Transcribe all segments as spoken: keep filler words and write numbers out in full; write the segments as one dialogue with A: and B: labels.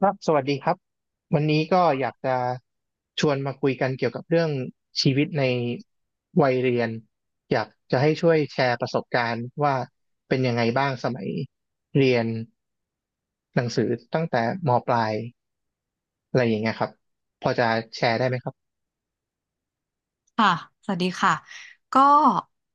A: ครับสวัสดีครับวันนี้ก็อยากจะชวนมาคุยกันเกี่ยวกับเรื่องชีวิตในวัยเรียนอยากจะให้ช่วยแชร์ประสบการณ์ว่าเป็นยังไงบ้างสมัยเรียนหนังสือตั้งแต่มปลายอะไรอย่างเงี้ยครับพอจะแชร์ได้ไหมครับ
B: ค่ะสวัสดีค่ะ ก็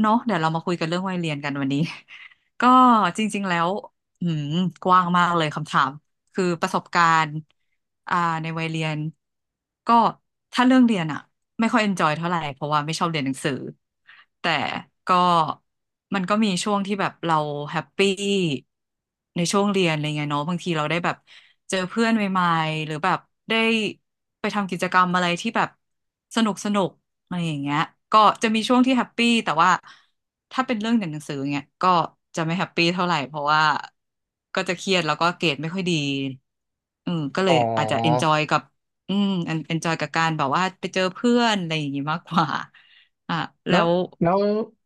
B: เนาะเดี๋ยวเรามาคุยกันเรื่องวัยเรียนกันวันนี้ ก็จริงๆแล้วอืมกว้างมากเลยคำถาม คือประสบการณ์อ่าในวัยเรียน ก็ถ้าเรื่องเรียนอะ ไม่ค่อยเอนจอยเท่าไหร่เพราะว่าไม่ชอบเรียนหนังสือแต่ก็มันก็มีช่วงที่แบบเราแฮปปี้ในช่วงเรียนอะไรเงี้ยเนาะบางทีเราได้แบบเจอเพื่อนใหม่ๆหรือแบบได้ไปทำกิจกรรมอะไรที่แบบสนุกสนุกอะไรอย่างเงี้ยก็จะมีช่วงที่แฮปปี้แต่ว่าถ้าเป็นเรื่องเรียนหนังสือเงี้ยก็จะไม่แฮปปี้เท่าไหร่เพราะว่าก็จะเครียดแล้วก็เกรดไม่ค่อยดีอืมก็เล
A: อ๋
B: ยอาจจะเอนจ
A: อ
B: อยกับ อืมอันเอนจอยกับการแบบว่าไปเจอเพื่อนอะไรอย่างงี้มากกว่าอ่ะแล้
A: แล้ว
B: ว
A: แล้ว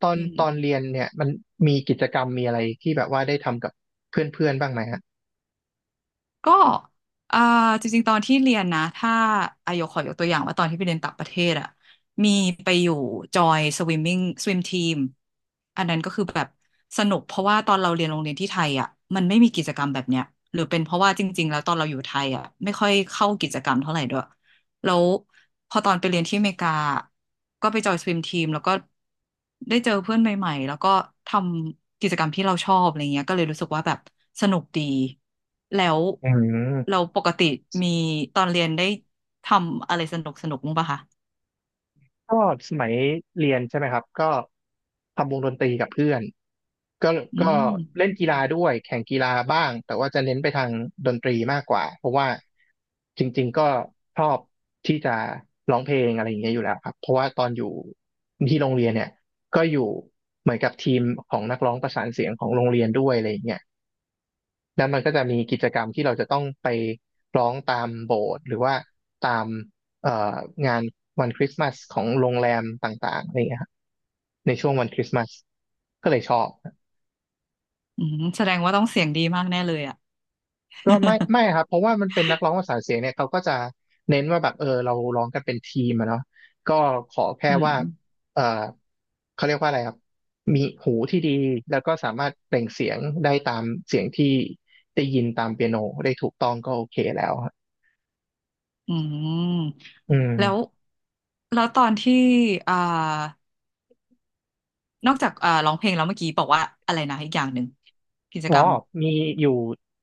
A: ตอน
B: อื
A: ตอน
B: ม
A: เรียนเนี่ยมันมีกิจกรรมมีอะไรที่แบบว่าได้ทำกับเพื่อนๆบ้างไหมฮะ
B: ก็อ่าจริงๆตอนที่เรียนนะถ้าอายกขอยกตัวอย่างว่าตอนที่ไปเรียนต่างประเทศอ่ะมีไปอยู่จอยสวิมมิ่งสวิมทีมอันนั้นก็คือแบบสนุกเพราะว่าตอนเราเรียนโรงเรียนที่ไทยอ่ะมันไม่มีกิจกรรมแบบเนี้ยหรือเป็นเพราะว่าจริงๆแล้วตอนเราอยู่ไทยอ่ะไม่ค่อยเข้ากิจกรรมเท่าไหร่ด้วย แล้วพอตอนไปเรียนที่อเมริกาก็ไปจอยสวิมทีมแล้วก็ได้เจอเพื่อนใหม่ๆแล้วก็ทำกิจกรรมที่เราชอบอะไรเงี้ยก็เลยรู้สึกว่าแบบสนุกดีแล้ว
A: อื
B: เรา
A: ม
B: ปกติมีตอนเรียนได้ทำอะไรสนุกสนุกมั้างปะคะ
A: ก็สมัยเรียนใช่ไหมครับก็ทำวงดนตรีกับเพื่อนก็
B: อื
A: ก็เล่นกี
B: ม
A: ฬาด้วยแข่งกีฬาบ้างแต่ว่าจะเน้นไปทางดนตรีมากกว่าเพราะว่าจริงๆก็ชอบที่จะร้องเพลงอะไรอย่างเงี้ยอยู่แล้วครับเพราะว่าตอนอยู่ที่โรงเรียนเนี่ยก็อยู่เหมือนกับทีมของนักร้องประสานเสียงของโรงเรียนด้วยอะไรอย่างเงี้ย แล้วมันก็จะมีกิจกรรมที่เราจะต้องไปร้องตามโบสถ์หรือว่าตามเอ่องานวันคริสต์มาสของโรงแรมต่างๆอะไรอย่างเงี้ยครับในช่วงวันคริสต์มาสก็เลยชอบ
B: อืมแสดงว่าต้องเสียงดีมากแน่เลยอ่ะ
A: ก็ไม่ไม่ครับเพราะว่ามันเป็นนักร้องประสานเสียงเนี่ยเขาก็จะเน้นว่าแบบเออเราร้องกันเป็นทีมอะเนาะก็ขอแค่
B: อืม
A: ว่าเออเขาเรียกว่าอะไรครับมีหูที่ดีแล้วก็สามารถเปล่งเสียงได้ตามเสียงที่ได้ยินตามเปียโนได้ถูกต้องก็โอเคแล้วครับ
B: อืม
A: อืม
B: แล้วแล้วตอนที่อ่านอกจากอ่าร้องเพลงแล้วเมื่อกี้บอกว่าอะไรนะอีกอย่างหนึ่งกิจ
A: อ๋อ
B: กรรม
A: มีอยู่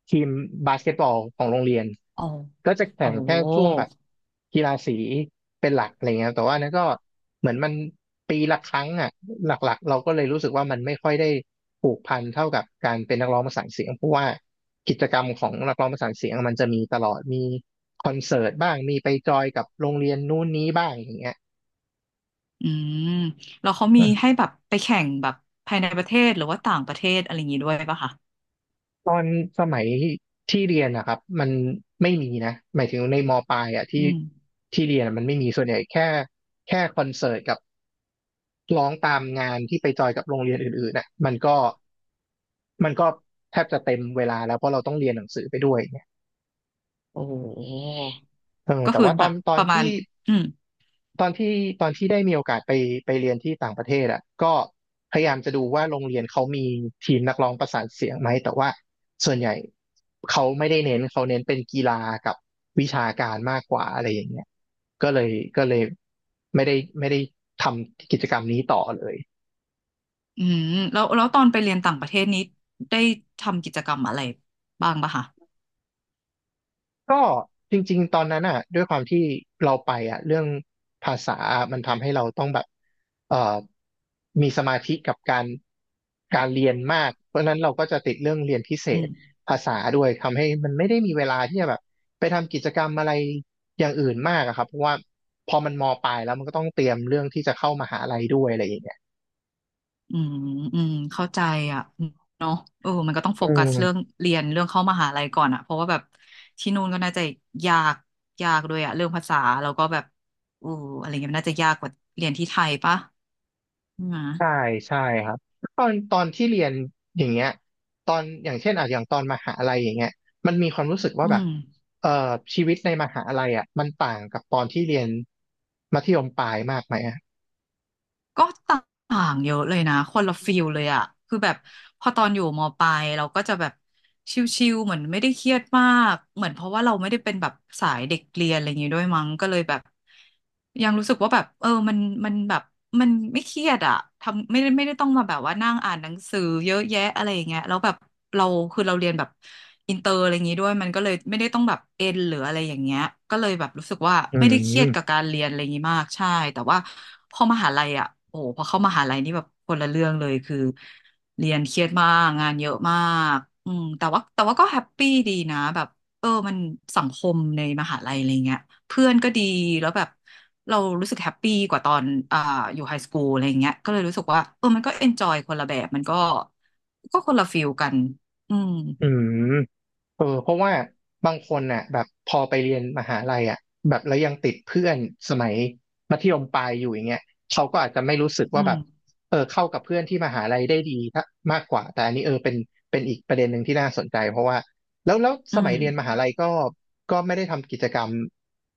A: ทีมบาสเกตบอลของโรงเรียน
B: อ๋อ
A: ก็จะ
B: โอ
A: แข่งแค่
B: โห
A: ช่วงแบบกีฬาสีเป็นหลักอะไรเงี้ยแต่ว่านั้นก็เหมือนมันปีละครั้งอ่ะหลักๆเราก็เลยรู้สึกว่ามันไม่ค่อยได้ผูกพันเท่ากับการเป็นนักร้องประสานเสียงเพราะว่ากิจกรรมของนักร้องประสานเสียงมันจะมีตลอดมีคอนเสิร์ตบ้างมีไปจอยกับโรงเรียนนู้นนี้บ้างอย่างเงี้ย
B: อืมแล้วเขามีให้แบบไปแข่งแบบภายในประเทศหรือว่าต่างประเทศอะไรอย่างนี้ด้วยป่ะคะ
A: ตอนสมัยที่เรียนนะครับมันไม่มีนะหมายถึงในมปลายอ่ะ
B: อื
A: ที่
B: ม
A: ที่เรียนอะมันไม่มีส่วนใหญ่แค่แค่คอนเสิร์ตกับร้องตามงานที่ไปจอยกับโรงเรียนอื่นๆนะมันก็มันก็แทบจะเต็มเวลาแล้วเพราะเราต้องเรียนหนังสือไปด้วยเนี่ย
B: โอ้โห
A: เออ
B: ก็
A: แต่
B: คือ
A: ว่าต
B: แบ
A: อ
B: บ
A: นตอ
B: ป
A: น
B: ระมาณ
A: ที่
B: อืม
A: ตอนที่ตอนที่ได้มีโอกาสไปไปเรียนที่ต่างประเทศอ่ะก็พยายามจะดูว่าโรงเรียนเขามีทีมนักร้องประสานเสียงไหมแต่ว่าส่วนใหญ่เขาไม่ได้เน้นเขาเน้นเป็นกีฬากับวิชาการมากกว่าอะไรอย่างเงี้ยก็เลยก็เลยไม่ได้ไม่ได้ทำกิจกรรมนี้ต่อเลย
B: อืมแล้วแล้วตอนไปเรียนต่างประเทศนี้ได้ทำกิจกรรมอะไรบ้างป่ะคะ
A: ก็จริงๆตอนนั้นอ่ะด้วยความที่เราไปอ่ะเรื่องภาษาอะมันทำให้เราต้องแบบเอ่อมีสมาธิกับการการเรียนมากเพราะฉะนั้นเราก็จะติดเรื่องเรียนพิเศ
B: อื
A: ษ
B: ม
A: ภาษาด้วยทำให้มันไม่ได้มีเวลาที่จะแบบไปทำกิจกรรมอะไรอย่างอื่นมากอะครับเพราะว่าพอมันมปลายแล้วมันก็ต้องเตรียมเรื่องที่จะเข้ามหาลัยด้วยอะไรอย่างเงี้ย
B: อืมอืมเข้าใจอ่ะเนาะเออมันก็ต้องโฟ
A: อื
B: กัสเรื่อง
A: ม
B: เรียนเรื่องเข้ามหาลัยก่อนอ่ะเพราะว่าแบบที่นู่นก็น่าจะยากยากด้วยอ่ะเรื่องภาษาแล้วก็แบบอู้อะไรเงี้ยมันน่าจะยากกว่าเรียนที่ไทยปะใช่ไหม
A: ใช่ใช่ครับตอนตอนที่เรียนอย่างเงี้ยตอนอย่างเช่นอ่ะอย่างตอนมหาลัยอย่างเงี้ยมันมีความรู้สึกว่า
B: อื
A: แบบ
B: ม
A: เอ่อชีวิตในมหาลัยอ่ะมันต่างกับตอนที่เรียนมัธยมปลายมากไหมอ่ะ
B: ก็ต่างเยอะเลยนะคนละฟิลเลยอะคือแบบพอตอนอยู่มปลายเราก็จะแบบชิลๆเหมือนไม่ได้เครียดมากเหมือนเพราะว่าเราไม่ได้เป็นแบบสายเด็กเรียนอะไรอย่างงี้ด้วยมั้งก็เลยแบบยังรู้สึกว่าแบบเออมันมันแบบมันไม่เครียดอะทำไม่ได้ไม่ได้ต้องมาแบบว่านั่งอ่านหนังสือเยอะแยะอะไรอย่างเงี้ยแล้วแบบเราคือเราเรียนแบบอินเตอร์อะไรอย่างงี้ด้วยมันก็เลยไม่ได้ต้องแบบเอ็นหรืออะไรอย่างเงี้ยก็เลยแบบรู้สึกว่า
A: อื
B: ไม่ได้เครียดกับ
A: ม
B: การเรียนอะไรอย่างงี้มากใช่แต่ว่า พอมหาลัยอ่ะโอ้โหพอเข้ามหาลัยนี่แบบคนละเรื่องเลยคือเรียนเครียดมาก งานเยอะมากอืมแต่ว่าแต่ว่าก็แฮปปี้ดีนะแบบเออมันสังคมในมหาลัยอะไรเงี้ยเพื่อนก็ดี แล้วแบบเรารู้สึกแฮปปี้กว่าตอนอ่าอยู่ไฮสคูลอะไรเงี้ยก็เลยรู้สึกว่าเออมันก็เอนจอยคนละแบบ มันก็ก็คนละฟิลกัน อืม
A: อืม เออเพราะว่าบางคนน่ะแบบพอไปเรียนมหาลัยอ่ะแบบแล้วยังติดเพื่อนสมัยมัธยมปลายอยู่อย่างเงี้ยเขาก็อาจจะไม่รู้สึก
B: อื
A: ว่าแบ
B: ม
A: บเออเข้ากับเพื่อนที่มหาลัยได้ดีถ้ามากกว่าแต่อันนี้เออเป็นเป็นอีกประเด็นหนึ่งที่น่าสนใจเพราะว่าแล้วแล้ว
B: อื
A: สมัย
B: ม
A: เรียนมหาลัยก็ก็ไม่ได้ทำกิจกรรม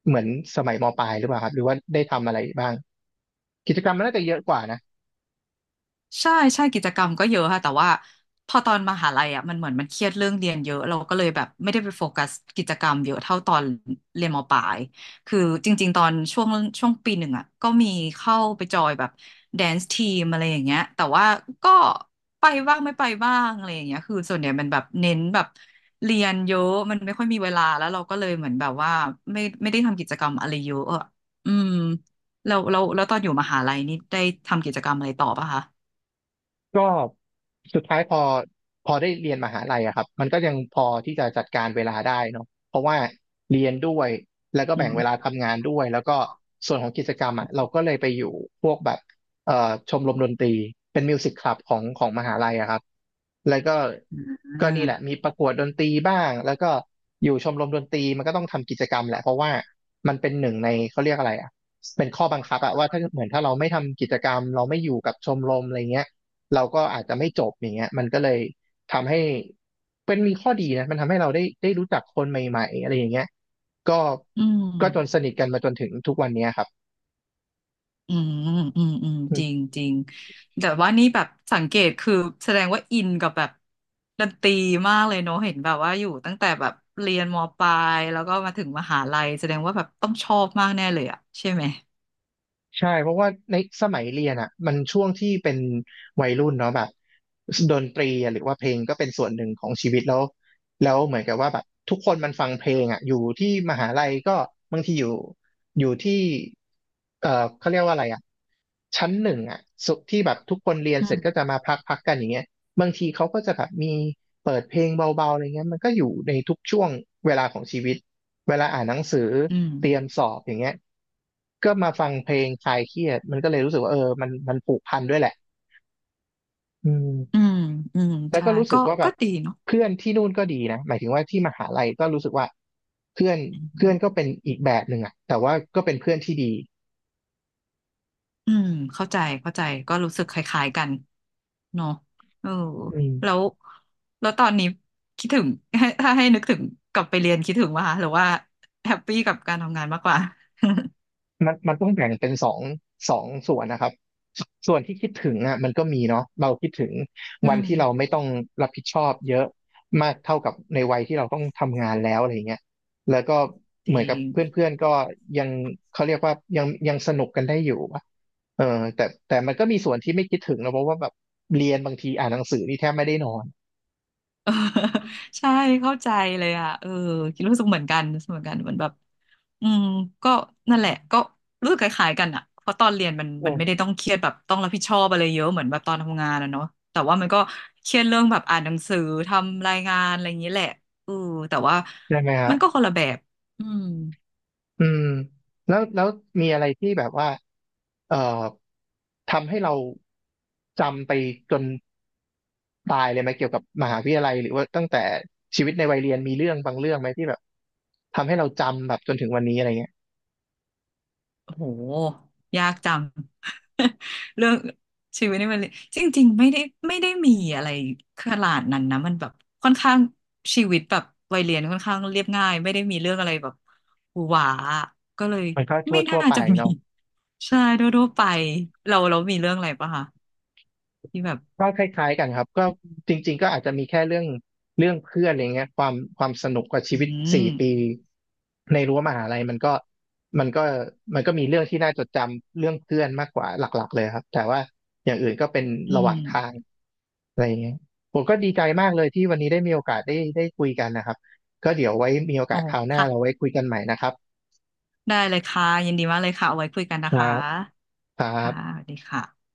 A: เหมือนสมัยมปลายหรือเปล่าครับหรือว่าได้ทำอะไรบ้างกิจกรรมมันน่าจะเยอะกว่านะ
B: ใช่ใช่กิจกรรมก็เยอะค่ะแต่ว่าพอตอนมหาลัยอ่ะมันเหมือนมันเครียดเรื่องเรียนเยอะเราก็เลยแบบไม่ได้ไปโฟกัสกิจกรรมเยอะเท่าตอนเรียนมปลายคือจริงๆตอนช่วงช่วงปีหนึ่งอ่ะก็มีเข้าไปจอยแบบแดนซ์ทีมอะไรอย่างเงี้ยแต่ว่าก็ไปบ้างไม่ไปบ้างอะไรอย่างเงี้ยคือส่วนใหญ่มันแบบเน้นแบบเรียนเยอะมันไม่ค่อยมีเวลาแล้วเราก็เลยเหมือนแบบว่าไม่ไม่ได้ทำกิจกรรมอะไรเยอะอะอืมแล้วแล้วแล้วตอนอยู่มหาลัยนี่ได้ทำกิจกรรมอะไรต่อปะคะ
A: ก็สุดท้ายพอพอได้เรียนมหาลัยอะครับมันก็ยังพอที่จะจัดการเวลาได้เนาะเพราะว่าเรียนด้วยแล้วก็
B: อื
A: แบ่ง
B: ม
A: เวลาทำงานด้วยแล้วก็ส่วนของกิจกรรมอะเราก็เลยไปอยู่พวกแบบเอ่อชมรมดนตรีเป็นมิวสิกคลับของของมหาลัยอะครับแล้วก็ก็
B: อ่า
A: นี่แหละมีประกวดดนตรีบ้างแล้วก็อยู่ชมรมดนตรีมันก็ต้องทำกิจกรรมแหละเพราะว่ามันเป็นหนึ่งในเขาเรียกอะไรอะเป็นข้อบังคับอะว่าถ้าเหมือนถ้าเราไม่ทำกิจกรรมเราไม่อยู่กับชมรมอะไรเงี้ย เราก็อาจจะไม่จบอย่างเงี้ยมันก็เลยทำให้เป็นมีข้อดีนะมันทำให้เราได้ได้รู้จักคนใหม่ๆอะไรอย่างเงี้ยก็
B: อืม
A: ก็จนสนิทกันมาจนถึงทุกวันเนี้ยครับ
B: อืมอืมอืมจริงจริงแต่ว่านี่แบบสังเกตคือแสดงว่าอินกับแบบดนตรีมากเลยเนอะเห็นแบบว่าอยู่ตั้งแต่แบบเรียนมปลายแล้วก็มาถึงมหาลัยแสดงว่าแบบต้องชอบมากแน่เลยอะใช่ไหม
A: ใช่เพราะว่าในสมัยเรียนอ่ะมันช่วงที่เป็นวัยรุ่นเนาะแบบดนตรีอะหรือว่าเพลงก็เป็นส่วนหนึ่งของชีวิตแล้วแล้วเหมือนกับว่าแบบทุกคนมันฟังเพลงอ่ะอยู่ที่มหาลัยก็บางทีอยู่อยู่ที่เอ่อเขาเรียกว่าอะไรอ่ะชั้นหนึ่งอ่ะสุที่แบบทุกคนเรียน
B: อื
A: เสร็
B: ม
A: จก็จะมาพักพักกันอย่างเงี้ย บางทีเขาก็จะแบบมีเปิดเพลงเบาๆอะไรเงี้ยมันก็อยู่ในทุกช่วงเวลาของชีวิตเวลาอ่านหนังสือ
B: อืม
A: เตรียมสอบอย่างเงี้ยก็มาฟังเพลงคลายเครียดมันก็เลยรู้สึกว่าเออมันมันผูกพันด้วยแหละอืม
B: อืมอืม
A: แล้ว
B: ใช่
A: ก็รู้
B: ก็
A: สึกว่าแบ
B: ก็
A: บ
B: ดีเนาะ
A: เพื่อนที่นู่นก็ดีนะหมายถึงว่าที่มหาลัยก็รู้สึกว่าเพื่อนเพื่อนก็เป็นอีกแบบหนึ่งอะแต่ว่าก็เป็นเพื่อนที่ดี
B: อืมเข้าใจเข้าใจก็รู้สึกคล้ายๆกันเนอะเออ
A: อืม
B: แล้วแล้วตอนนี้คิดถึง ถ้าให้นึกถึงกลับไปเรียนคิดถึงว่าหรือว่าแฮปปี้กับการทำงานมากกว่า
A: มันมันต้องแบ่งเป็นสองสองส่วนนะครับส่วนที่คิดถึงอ่ะมันก็มีเนาะเราคิดถึง
B: อื
A: วัน
B: ม
A: ที่เราไม่ต้องรับผิดชอบเยอะมากเท่ากับในวัยที่เราต้องทำงานแล้วอะไรเงี้ยแล้วก็
B: จ
A: เหมื
B: ริ
A: อน
B: ง
A: กับเพื่อนๆก็ยังเขาเรียกว่ายังยังสนุกกันได้อยู่อะเออแต่แต่มันก็มีส่วนที่ไม่คิดถึงนะเพราะว่าแบบเรียนบางทีอ่านหนังสือนี่แทบไม่ได้นอน
B: เออใช่เข้าใจเลยอ่ะเออคิดรู้สึกเหมือนกันรู้สึกเหมือนกันเหมือนแบบอืมก็นั่นแหละก็รู้สึกคล้ายๆกันอ่ะเพราะตอนเรียนมันมันไม่ได้ต้องเครียดแบบต้องรับผิดชอบอะไรเยอะเหมือนแบบตอนทำงานอะเนาะแต่ว่ามันก็เครียดเรื่องแบบอ่านหนังสือทำรายงานอะไรอย่างนี้แหละเออแต่ว่า
A: ใช่ไหมฮะ
B: มันก็คนละแบบอืม
A: อืมแล้วแล้วมีอะไรที่แบบว่า เอ่อทำให้เราจำไปจนตายเลยไหมเกี่ยวกับมหาวิทยาลัยหรือว่าตั้งแต่ชีวิตในวัยเรียนมีเรื่องบางเรื่องไหมที่แบบทำให้เราจำแบบจนถึงวันนี้อะไรเงี้ย
B: โหยากจัง เรื่องชีวิตนี่มันจริงๆไม่ได้ไม่ได้มีอะไรขนาดนั้นนะมันแบบค่อนข้างชีวิตแบบวัยเรียนค่อนข้างเรียบง่ายไม่ได้มีเรื่องอะไรแบบหวือหวาก็เลย
A: มันก็ทั่
B: ไม่
A: วทั่
B: น่า
A: วไป
B: จะมี
A: เนาะ
B: ใช่ทั่วๆไปเราเรามีเรื่องอะไรปะคะที่แบบ
A: ก็คล้ายๆกันครับก็จริงๆก็อาจจะมีแค่เรื่องเรื่องเพื่อนอะไรเงี้ยความความสนุกกับชี
B: อื
A: วิตสี่
B: ม
A: ปีในรั้วมหาลัยมันก็มันก็มันก็มีเรื่องที่น่าจดจำเรื่องเพื่อนมากกว่าหลักๆเลยครับแต่ว่าอย่างอื่นก็เป็น
B: อื
A: ระห
B: ม
A: ว่างทาง อะไรอย่างเงี้ยผมก็ดีใจมากเลยที่วันนี้ได้มีโอกาสได้ได้คุยกันนะครับ ก็เดี๋ยวไว้มีโอ
B: โอ้
A: กาสคราวหน้า
B: ค่ะ
A: เราไว้คุยกันใหม่นะครับ
B: ได้เลยค่ะยินดีมากเลยค่ะเอาไว้คุยกัน
A: ค
B: นะ
A: รั
B: คะ
A: บครั
B: ค่ะ
A: บ
B: สวัสดีค่ะ